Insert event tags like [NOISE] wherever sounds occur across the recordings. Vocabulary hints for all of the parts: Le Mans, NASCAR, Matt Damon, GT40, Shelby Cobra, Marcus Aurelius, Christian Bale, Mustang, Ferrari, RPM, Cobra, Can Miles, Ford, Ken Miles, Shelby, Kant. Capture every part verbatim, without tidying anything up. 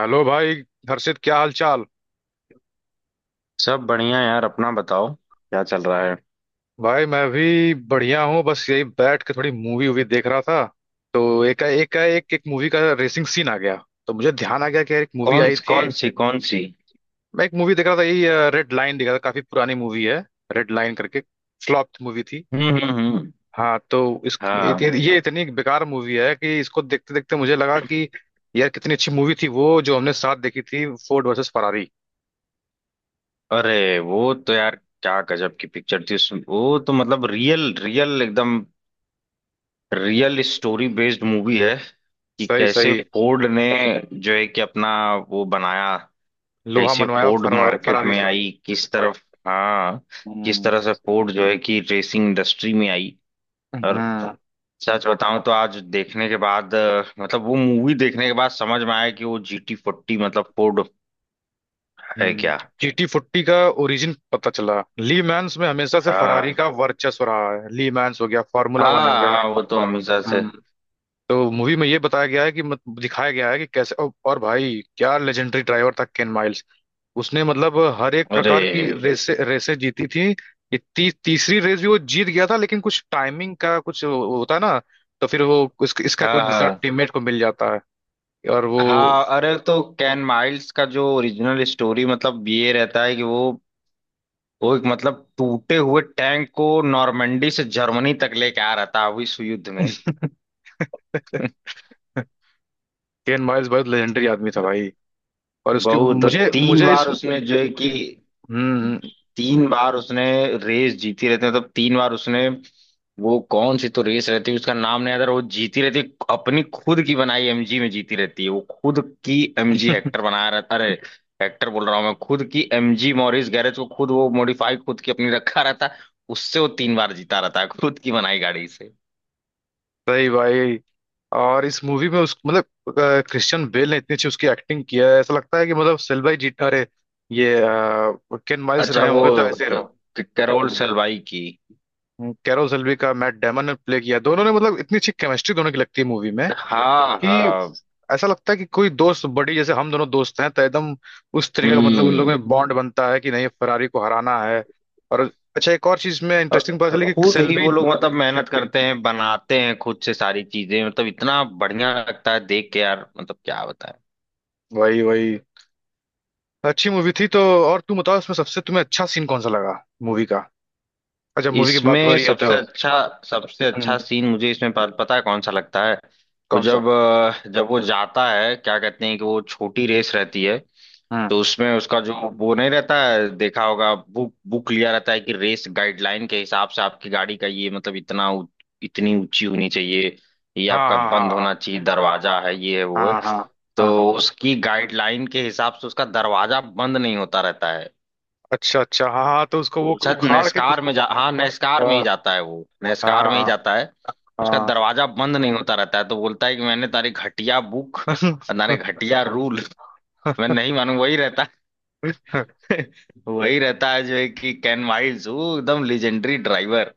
Hello भाई। हर्षित, क्या हाल चाल? सब बढ़िया यार, अपना बताओ क्या चल रहा है। भाई मैं भी बढ़िया हूँ, बस यही बैठ के थोड़ी मूवी वूवी देख रहा था। तो एक एक एक एक मूवी का रेसिंग सीन आ गया, तो मुझे ध्यान आ गया कि यार एक मूवी कौन आई थी। कौन सी, कौन सी? मैं एक मूवी देख रहा था यही, रेड लाइन देख रहा था, काफी पुरानी मूवी है, रेड लाइन करके, फ्लॉप मूवी थी। हम्म, हम्म, हम्म। हाँ तो इस इत- हाँ। ये इतनी बेकार मूवी है कि इसको देखते देखते मुझे लगा कि यार कितनी अच्छी मूवी थी वो जो हमने साथ देखी थी, फोर्ड वर्सेस फरारी। अरे वो तो यार, क्या गजब की पिक्चर थी। उसमें वो तो मतलब रियल रियल, एकदम रियल स्टोरी बेस्ड मूवी है। कि सही कैसे सही। फोर्ड ने जो है कि अपना वो बनाया, लोहा कैसे मनवाया फोर्ड फरवा- मार्केट फरारी में से। आई, किस तरफ। हाँ, किस हम्म, तरह से फोर्ड जो है कि रेसिंग इंडस्ट्री में आई। और हम्म, सच बताऊं तो आज देखने के बाद, अ, मतलब वो मूवी देखने के बाद समझ में आया कि वो जी टी फोर्टी मतलब फोर्ड है हम्म। क्या। जी टी फोर्टी का ओरिजिन पता चला। ली मैंस में हमेशा से फरारी हाँ का वर्चस्व रहा है, ली मैंस हो गया, फार्मूला हाँ वन हो गया। हाँ, वो तो हमेशा से। हम्म। तो मूवी में ये बताया गया है कि मत, दिखाया गया है कि कैसे और और भाई क्या लेजेंडरी ड्राइवर था केन माइल्स। उसने मतलब हर एक अरे। प्रकार की रेसे रेसे जीती थी। ये ती, तीसरी रेस भी वो जीत गया था, लेकिन कुछ टाइमिंग का कुछ होता है ना। तो फिर वो इस, इसका हाँ कोई दूसरा हाँ टीममेट को मिल जाता है, और वो हाँ, अरे तो कैन माइल्स का जो ओरिजिनल स्टोरी मतलब ये रहता है कि वो वो एक मतलब टूटे हुए टैंक को नॉर्मंडी से जर्मनी तक लेके आ रहा था अभी इस युद्ध में [LAUGHS] [LAUGHS] केन माइल्स बहुत लेजेंडरी आदमी था भाई। और उसके बहुत, तो मुझे तीन मुझे इस। बार उसने जो है कि, हम्म। तीन बार उसने रेस जीती रहती है, मतलब तीन बार उसने, वो कौन सी तो रेस रहती है, उसका नाम नहीं आता, वो जीती रहती है। अपनी खुद की बनाई एमजी में जीती रहती है, वो खुद की एमजी [LAUGHS] हेक्टर बनाया रहता, अरे हेक्टर बोल रहा हूँ मैं, खुद की एमजी, मॉरिस गैरेज को खुद वो मॉडिफाई खुद की अपनी रखा रहता है। उससे वो तीन बार जीता रहता है खुद की बनाई गाड़ी से। सही भाई। और इस मूवी में उस मतलब अ, क्रिश्चियन बेल ने इतनी अच्छी उसकी एक्टिंग किया है, ऐसा लगता है कि मतलब सेल्वी जी, अरे ये अ, केन माइल्स अच्छा रहे वो होंगे तो ऐसे ही रहो। अ, कैरोल हम्म, सलवाई की। हम्म, कैरल सेल्वी का मैट डेमन ने प्ले किया, दोनों ने मतलब इतनी अच्छी केमिस्ट्री दोनों की लगती है मूवी में, हाँ कि हाँ। ऐसा लगता है कि कोई दोस्त बड़ी जैसे हम दोनों दोस्त हैं तो एकदम उस तरीके का, मतलब उन लोगों हम्म। में बॉन्ड बनता है कि नहीं फरारी को हराना है। और अच्छा एक और चीज में और इंटरेस्टिंग पता चली कि खुद ही सेल्वी। वो लोग मतलब मेहनत करते हैं, बनाते हैं खुद से सारी चीजें, मतलब इतना बढ़िया लगता है देख के यार, मतलब क्या बताएं। वही वही, अच्छी मूवी थी तो। और तुम बताओ इसमें सबसे तुम्हें अच्छा सीन कौन सा लगा, मूवी का? अच्छा, मूवी की बात हो इसमें रही है सबसे तो। अच्छा, सबसे हम्म, अच्छा सीन मुझे इसमें प- पता है कौन सा लगता है। वो कौन सा? जब, अ, जब वो जाता है, क्या कहते हैं कि वो छोटी रेस रहती है। हम्म। तो उसमें उसका जो वो नहीं रहता है, देखा होगा, बुक बुक लिया रहता है कि रेस गाइडलाइन के हिसाब से आपकी गाड़ी का ये मतलब इतना ऊ- इतनी ऊंची होनी चाहिए, ये हाँ आपका हाँ, बंद हाँ, होना चाहिए दरवाजा, है ये है वो है। हाँ। हाँ, हाँ, हाँ। तो उसकी गाइडलाइन के हिसाब से उसका दरवाजा बंद नहीं होता रहता है। अच्छा अच्छा, हाँ हाँ, तो उसको वो वो शायद उखाड़ के कुछ। नेस्कार में जा, हाँ नेस्कार में हाँ, ही जाता है, वो नेस्कार में ही हाँ, जाता है। उसका हाँ। दरवाजा बंद नहीं होता रहता है तो बोलता है कि मैंने तारी घटिया बुक, तारे [LAUGHS] घटिया रूल मैं नहीं मानू वही रहता है। वही रहता है जो है कि कैन वाइल्ड वो एकदम लेजेंडरी ड्राइवर।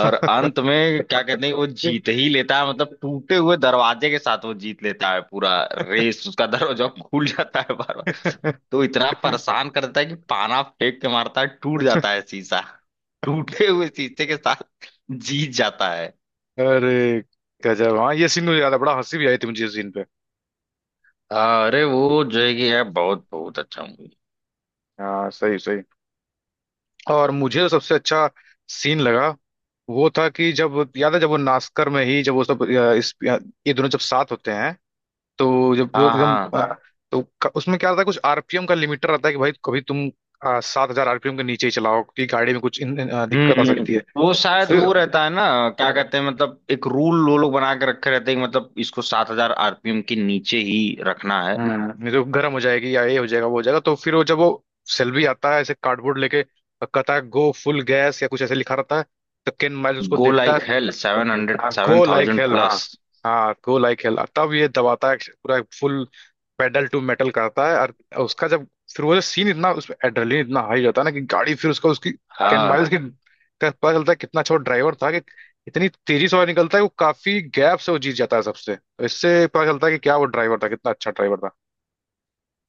और अंत में क्या कहते हैं वो जीत ही लेता है, मतलब टूटे हुए दरवाजे के साथ वो जीत लेता है पूरा रेस, उसका दरवाजा खुल जाता है बार बार। तो इतना परेशान करता है कि पाना फेंक के मारता है, टूट जाता है शीशा, टूटे हुए शीशे के साथ जीत जाता है। अरे गजब। हाँ, ये सीन मुझे याद है, बड़ा हंसी भी आई थी मुझे इस सीन पे। अरे वो जो है कि यार, बहुत बहुत अच्छा मूवी। हाँ सही सही। और मुझे जो सबसे अच्छा सीन लगा वो था कि जब याद है जब वो नास्कर में ही जब वो सब अ, इस अ, ये दोनों जब साथ होते हैं, तो जब वो हाँ एकदम हाँ। अ, तो क- उसमें क्या रहता है कुछ आर पी एम का लिमिटर रहता है कि भाई कभी तुम सात हजार आर पी एम के नीचे ही चलाओ, क्योंकि गाड़ी में कुछ इन, इन, अ, दिक्कत आ हम्म, हम्म। सकती है। वो शायद फिर। वो रहता है ना, क्या कहते हैं मतलब एक रूल वो लोग बना के रखे रहते हैं कि मतलब इसको सात हजार आरपीएम के नीचे ही रखना है। हम्म नहीं तो गर्म हो जाएगी या ये हो जाएगा वो हो जाएगा। तो फिर वो जब वो सेल्वी आता है ऐसे कार्डबोर्ड लेके और कहता है गो फुल गैस या कुछ ऐसे लिखा रहता है, तो केन माइल्स उसको गो देखता है। लाइक हेल सेवन हंड्रेड हाँ seven go like thousand hell, हाँ। प्लस। हाँ गो लाइक हेल, तब ये दबाता है पूरा फुल, पेडल टू मेटल करता है, और उसका जब फिर वो जो सीन इतना उसमें एड्रेनलिन इतना हाई रहता है ना कि गाड़ी, फिर उसका उसकी कैन हाँ। माइल्स की का पता चलता है कितना अच्छा ड्राइवर था, कि इतनी तेजी से वो निकलता है वो काफी गैप से वो जीत जाता है सबसे। तो इससे पता चलता है कि क्या वो ड्राइवर था, कितना अच्छा ड्राइवर था।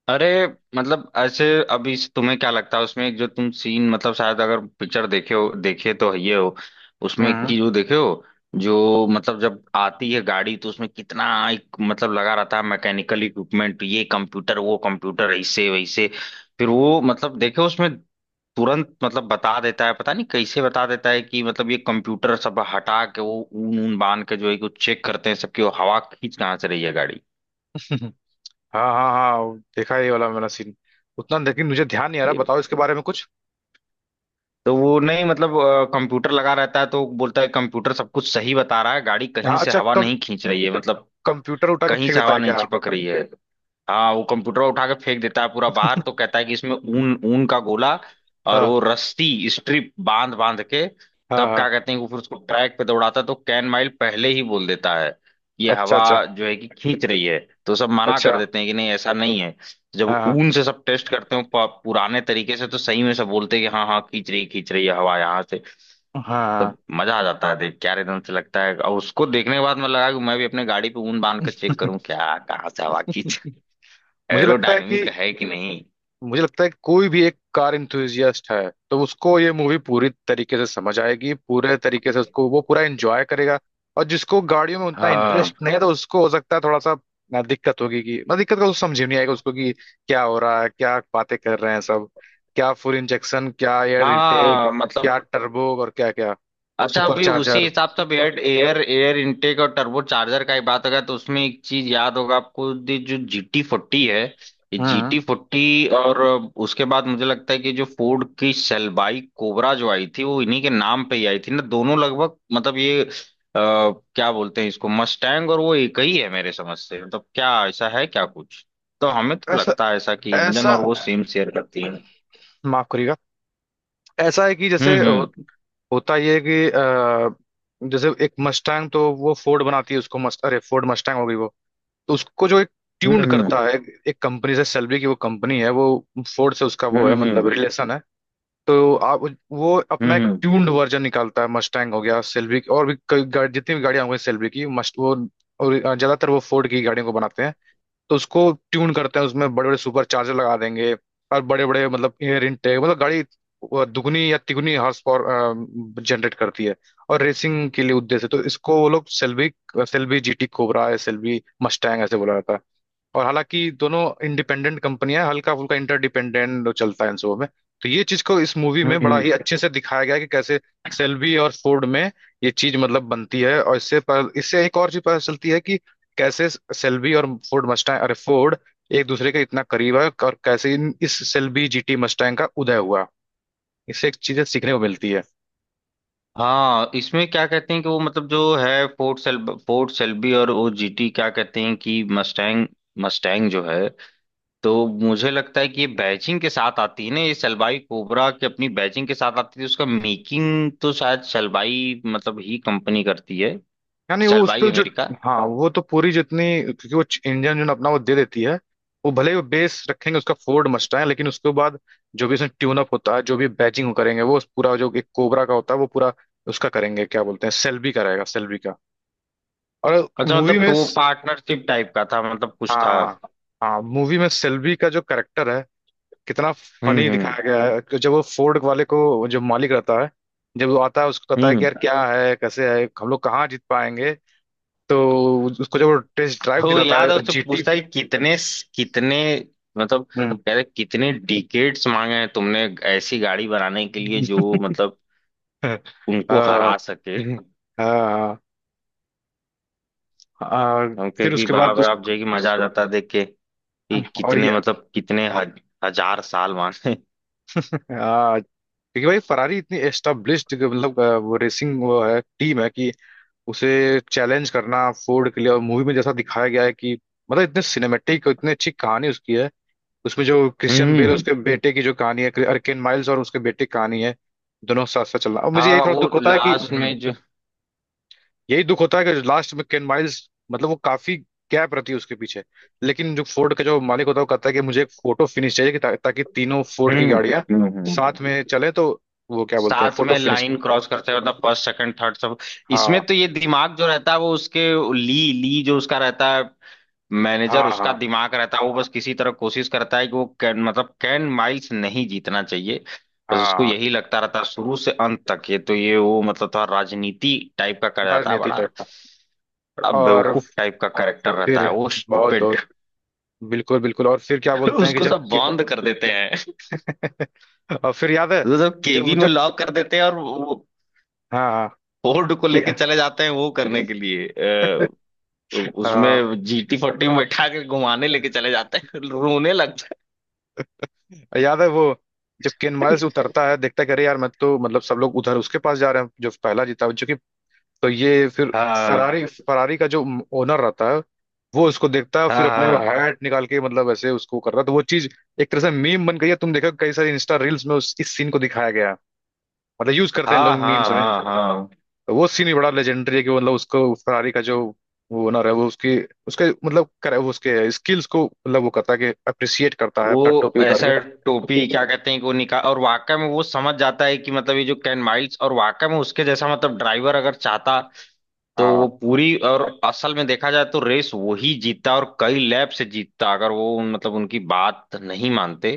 अरे मतलब ऐसे, अभी से तुम्हें क्या लगता है उसमें एक जो तुम सीन, मतलब शायद अगर पिक्चर देखे हो, देखे तो ये हो, उसमें एक हम्म। चीज वो देखे हो, जो मतलब जब आती है गाड़ी तो उसमें कितना एक मतलब लगा रहता है, मैकेनिकल इक्विपमेंट, ये कंप्यूटर वो कंप्यूटर ऐसे वैसे। फिर वो मतलब देखे हो उसमें तुरंत मतलब बता देता है, पता नहीं कैसे बता देता है कि, मतलब ये कंप्यूटर सब हटा के वो ऊन ऊन बांध के जो है कि वो चेक करते हैं सबकी, वो हवा खींच कहाँ से रही है गाड़ी। [LAUGHS] हाँ हाँ हाँ, वो देखा है ये वाला मैंने सीन, उतना लेकिन मुझे ध्यान नहीं आ रहा, बताओ इसके बारे में कुछ। तो वो नहीं मतलब, कंप्यूटर लगा रहता है तो वो बोलता है कंप्यूटर सब कुछ सही बता रहा है, गाड़ी कहीं हाँ से अच्छा, हवा कम नहीं खींच रही है, मतलब कंप्यूटर उठा के कहीं फेंक से देता हवा है नहीं क्या? हाँ। चिपक रही है। हाँ वो कंप्यूटर उठा के फेंक देता है पूरा बाहर तो कहता है कि इसमें ऊन ऊन का गोला और वो रस्सी स्ट्रिप बांध बांध के, हाँ तब क्या हाँ। कहते हैं कि फिर उसको ट्रैक पे दौड़ाता है तो कैन माइल पहले ही बोल देता है कि ये अच्छा हवा अच्छा। जो है कि खींच रही है। तो सब मना कर अच्छा। देते हैं कि नहीं ऐसा नहीं है। जब हाँ। ऊन से सब टेस्ट करते हो प- पुराने तरीके से तो सही में सब बोलते हैं कि हाँ हाँ खींच रही खींच रही है हवा यहाँ से। हाँ। तब मजा आ जाता है देख, क्या एकदम से लगता है। और उसको देखने के बाद मैं लगा कि मैं भी अपने गाड़ी पे ऊन बांध कर चेक करूँ क्या कहाँ से हवा खींच, मुझे लगता है कि एरोडायनेमिक है कि नहीं। मुझे लगता है कि कोई भी एक कार इंथुजियास्ट है तो उसको ये मूवी पूरी तरीके से समझ आएगी, पूरे तरीके से उसको वो पूरा एंजॉय करेगा। और जिसको गाड़ियों में उतना हाँ इंटरेस्ट नहीं है तो उसको हो सकता है थोड़ा सा ना दिक्कत होगी कि ना दिक्कत का उसको समझ ही नहीं आएगा उसको, कि क्या हो रहा है, क्या बातें कर रहे हैं सब, क्या फुल इंजेक्शन, क्या एयर इनटेक, हाँ क्या मतलब। टर्बो, और क्या क्या अच्छा सुपर अभी उसी चार्जर। हिसाब से एयर एयर एयर इनटेक और टर्बो चार्जर का ही बात अगर, तो उसमें एक चीज याद होगा आपको ये जो जी टी फोर्टी है, ये जी हम्म। T forty. और उसके बाद मुझे लगता है कि जो फोर्ड की सेलबाई कोबरा जो आई थी वो इन्हीं के नाम पे ही आई थी ना, दोनों लगभग मतलब ये अ, क्या बोलते हैं इसको मस्टैंग, और वो एक ही है मेरे समझ से, मतलब क्या ऐसा है क्या कुछ। तो हमें तो ऐसा लगता है ऐसा कि इंजन ऐसा और वो सेम शेयर करती है। माफ करिएगा। ऐसा है कि जैसे हम्म, हम्म, होता ये है कि अ, जैसे एक मस्टैंग तो वो फोर्ड बनाती है, उसको मस्ट, अरे फोर्ड मस्टैंग हो गई वो। तो उसको जो एक ट्यून्ड हम्म, करता है, एक कंपनी, से सेल्बी की वो कंपनी है वो, फोर्ड से उसका वो है हम्म, मतलब हम्म, रिलेशन है। तो आप, वो अपना एक हम्म, ट्यून्ड वर्जन निकालता है, मस्टैंग हो गया सेल्बी, और भी कई गा- जितनी भी गाड़ियां हो गई सेल्बी की मस्ट वो। और ज्यादातर वो फोर्ड की गाड़ियों को बनाते हैं, तो उसको ट्यून करते हैं, उसमें बड़े बड़े सुपर चार्जर लगा देंगे, और बड़े बड़े मतलब एयर इनटेक, मतलब गाड़ी वो दुगनी या तिगुनी हॉर्स पावर जनरेट करती है और रेसिंग के लिए उद्देश्य है। तो इसको वो लोग Shelby Shelby G T cobra या सेल्बी मस्टैंग ऐसे बोला जाता है। और हालांकि दोनों इंडिपेंडेंट कंपनियां, हल्का फुल्का इंटरडिपेंडेंट चलता है इन सबों में। तो ये चीज को इस मूवी हम्म, में बड़ा हम्म। ही अच्छे से दिखाया गया है कि कैसे सेल्बी और फोर्ड में ये चीज मतलब बनती है, और इससे पर, इससे एक और चीज पता चलती है कि कैसे सेल्बी और फोर्ड मस्टैंग, अरे फोर्ड एक दूसरे के इतना करीब है, और कैसे इन, इस सेल्बी जी टी मस्टैंग का उदय हुआ, इससे एक चीजें सीखने को मिलती है। हाँ इसमें क्या कहते हैं कि वो मतलब जो है, फोर्ट सेल फोर्ट सेल्बी, और वो जीटी क्या कहते हैं कि मस्टैंग, मस्टैंग जो है। तो मुझे लगता है कि ये बैचिंग के साथ आती है ना, ये सलवाई कोबरा की अपनी बैचिंग के साथ आती है, उसका मेकिंग तो शायद सलवाई मतलब ही कंपनी करती है। यानी वो उस सलवाई पे जो। अमेरिका। हाँ वो तो पूरी जितनी, क्योंकि वो इंजन जो ना अपना वो दे देती है, वो भले ही वो बेस रखेंगे उसका फोर्ड मस्टैंग, लेकिन उसके बाद जो भी उसमें ट्यून अप होता है, जो भी बैचिंग वो करेंगे, वो उस पूरा जो एक कोबरा का होता है वो पूरा उसका करेंगे, क्या बोलते हैं, सेल्बी का रहेगा सेल्बी का। और अच्छा मूवी मतलब में। तो पार्टनरशिप टाइप का था, मतलब कुछ था। हाँ हाँ, मूवी में सेल्वी का जो करेक्टर है कितना हम्म, फनी हम्म, दिखाया गया है, कि जब वो फोर्ड वाले को, जो मालिक रहता है, जब वो आता है उसको कहता है कि हम्म। यार क्या है, कैसे है, हम लोग कहाँ जीत पाएंगे। तो उसको जब वो टेस्ट ड्राइव हो दिलाता याद है है उससे जी टी। पूछता है कि कितने, कितने, मतलब हम्म। कह रहे कितने डिकेट्स मांगे हैं तुमने ऐसी गाड़ी बनाने के लिए जो मतलब [LAUGHS] उनको हाँ। हरा सके। हाँ, हाँ, हम कहे फिर कि उसके बाद बाप रे उस। बाप जो है कि मजा आ जाता है देख के, कि और कितने ये। मतलब कितने हज, हजार साल मांगे। हाँ, क्योंकि भाई फरारी इतनी एस्टाब्लिश्ड मतलब अ, वो रेसिंग वो है टीम है, कि उसे चैलेंज करना फोर्ड के लिए। और मूवी में जैसा दिखाया गया है कि मतलब इतने सिनेमेटिक और इतनी अच्छी कहानी उसकी है, उसमें जो क्रिश्चियन बेल हम्म। उसके बेटे की जो कहानी है, अर्केन माइल्स और उसके बेटे की कहानी है, दोनों साथ साथ चलना, और मुझे यही हाँ थोड़ा वो दुख होता है कि लास्ट हम्म, में जो। यही दुख होता है कि लास्ट में केन माइल्स मतलब वो काफी गैप रहती है उसके पीछे। लेकिन जो फोर्ड का जो मालिक होता है वो कहता है कि मुझे एक फोटो फिनिश चाहिए, कि ता, ताकि तीनों फोर्ड की हम्म, गाड़ियां हम्म, हम्म। साथ में चले। तो वो क्या बोलते हैं, साथ फोटो में फिनिश। लाइन क्रॉस करते हैं मतलब फर्स्ट सेकंड थर्ड सब। हाँ, इसमें तो ये दिमाग जो रहता है वो उसके, ली, ली जो उसका रहता है मैनेजर, हाँ, उसका हाँ, दिमाग रहता है वो, बस किसी तरह कोशिश करता है कि वो कैन मतलब कैन माइल्स नहीं जीतना चाहिए। बस उसको हाँ। यही लगता रहता है शुरू से अंत तक, ये तो ये वो मतलब थोड़ा राजनीति टाइप का कर जाता है राजनीति टाइप बड़ा। का। बड़ा और बेवकूफ टाइप का कैरेक्टर रहता फिर है वो, बहुत स्टूपिड। बहुत, बिल्कुल बिल्कुल। और फिर क्या [LAUGHS] बोलते हैं कि उसको जब सब कि, बंद कर देते हैं। [LAUGHS] और फिर याद है उसको सब जब केबिन में जब लॉक कर देते हैं और वो हाँ हाँ, फोर्ड को कि- लेके चले जाते हैं वो करने के लिए, अ, हाँ उसमें जीटी फोर्टी में बैठा के घुमाने लेके चले जाते हैं, रोने लगता याद है वो जब केन है। माइल्स उतरता है देखता है कि अरे यार, मैं तो मतलब सब लोग उधर उसके पास जा रहे हैं जो पहला जीता जो कि। तो ये फिर हाँ फरारी फरारी का जो ओनर रहता है वो उसको देखता है फिर हाँ अपने हाँ हैट निकाल के मतलब ऐसे उसको कर रहा है। तो वो चीज एक तरह से मीम बन गई है, तुम देखो कई सारी इंस्टा रील्स में उस इस सीन को दिखाया गया है, मतलब यूज करते हैं हाँ लोग हाँ मीम्स में। हाँ हाँ। वो सीन भी बड़ा लेजेंडरी है, कि वो मतलब उसको फरारी का जो वो ओनर है, वो उसकी उसके मतलब करे वो उसके स्किल्स को मतलब वो करता है, कि अप्रिसिएट करता है अपना वो टोपी उतार ऐसा के। टोपी क्या कहते हैं कि वो निकाल, और वाकई में वो समझ जाता है कि मतलब ये जो कैन माइल्स, और वाकई में उसके जैसा मतलब ड्राइवर अगर चाहता, तो हाँ वो पूरी, और असल में देखा जाए तो रेस वही जीतता और कई लैप से जीतता, अगर वो उन- मतलब उनकी बात नहीं मानते।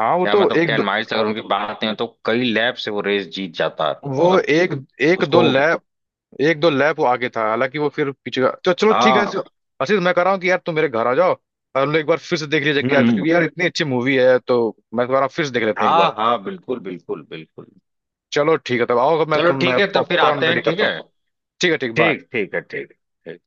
हाँ, वो या तो मतलब एक दो, कैन माइल्स अगर उनकी बात नहीं मानते, तो कई लैप से वो रेस जीत जाता। वो मतलब एक एक दो उसको। लैप, एक दो लैप वो आगे था, हालांकि वो फिर पीछे का तो चलो ठीक है, हाँ। सो- आशीष मैं कह रहा हूँ कि यार तुम मेरे घर आ जाओ और हम लोग एक बार फिर से देख लीजिए हम्म, क्या, क्योंकि हम्म। यार इतनी अच्छी मूवी है, तो मैं दोबारा फिर से देख लेते हैं एक बार। हाँ हाँ, बिल्कुल बिल्कुल बिल्कुल। चलो ठीक है तब आओ, मैं चलो तुम, मैं ठीक है तो फिर पॉपकॉर्न आते रेडी हैं, ठीक करता हूँ। है। ठीक है, ठीक, बाय। ठीक, ठीक है, ठीक, ठीक।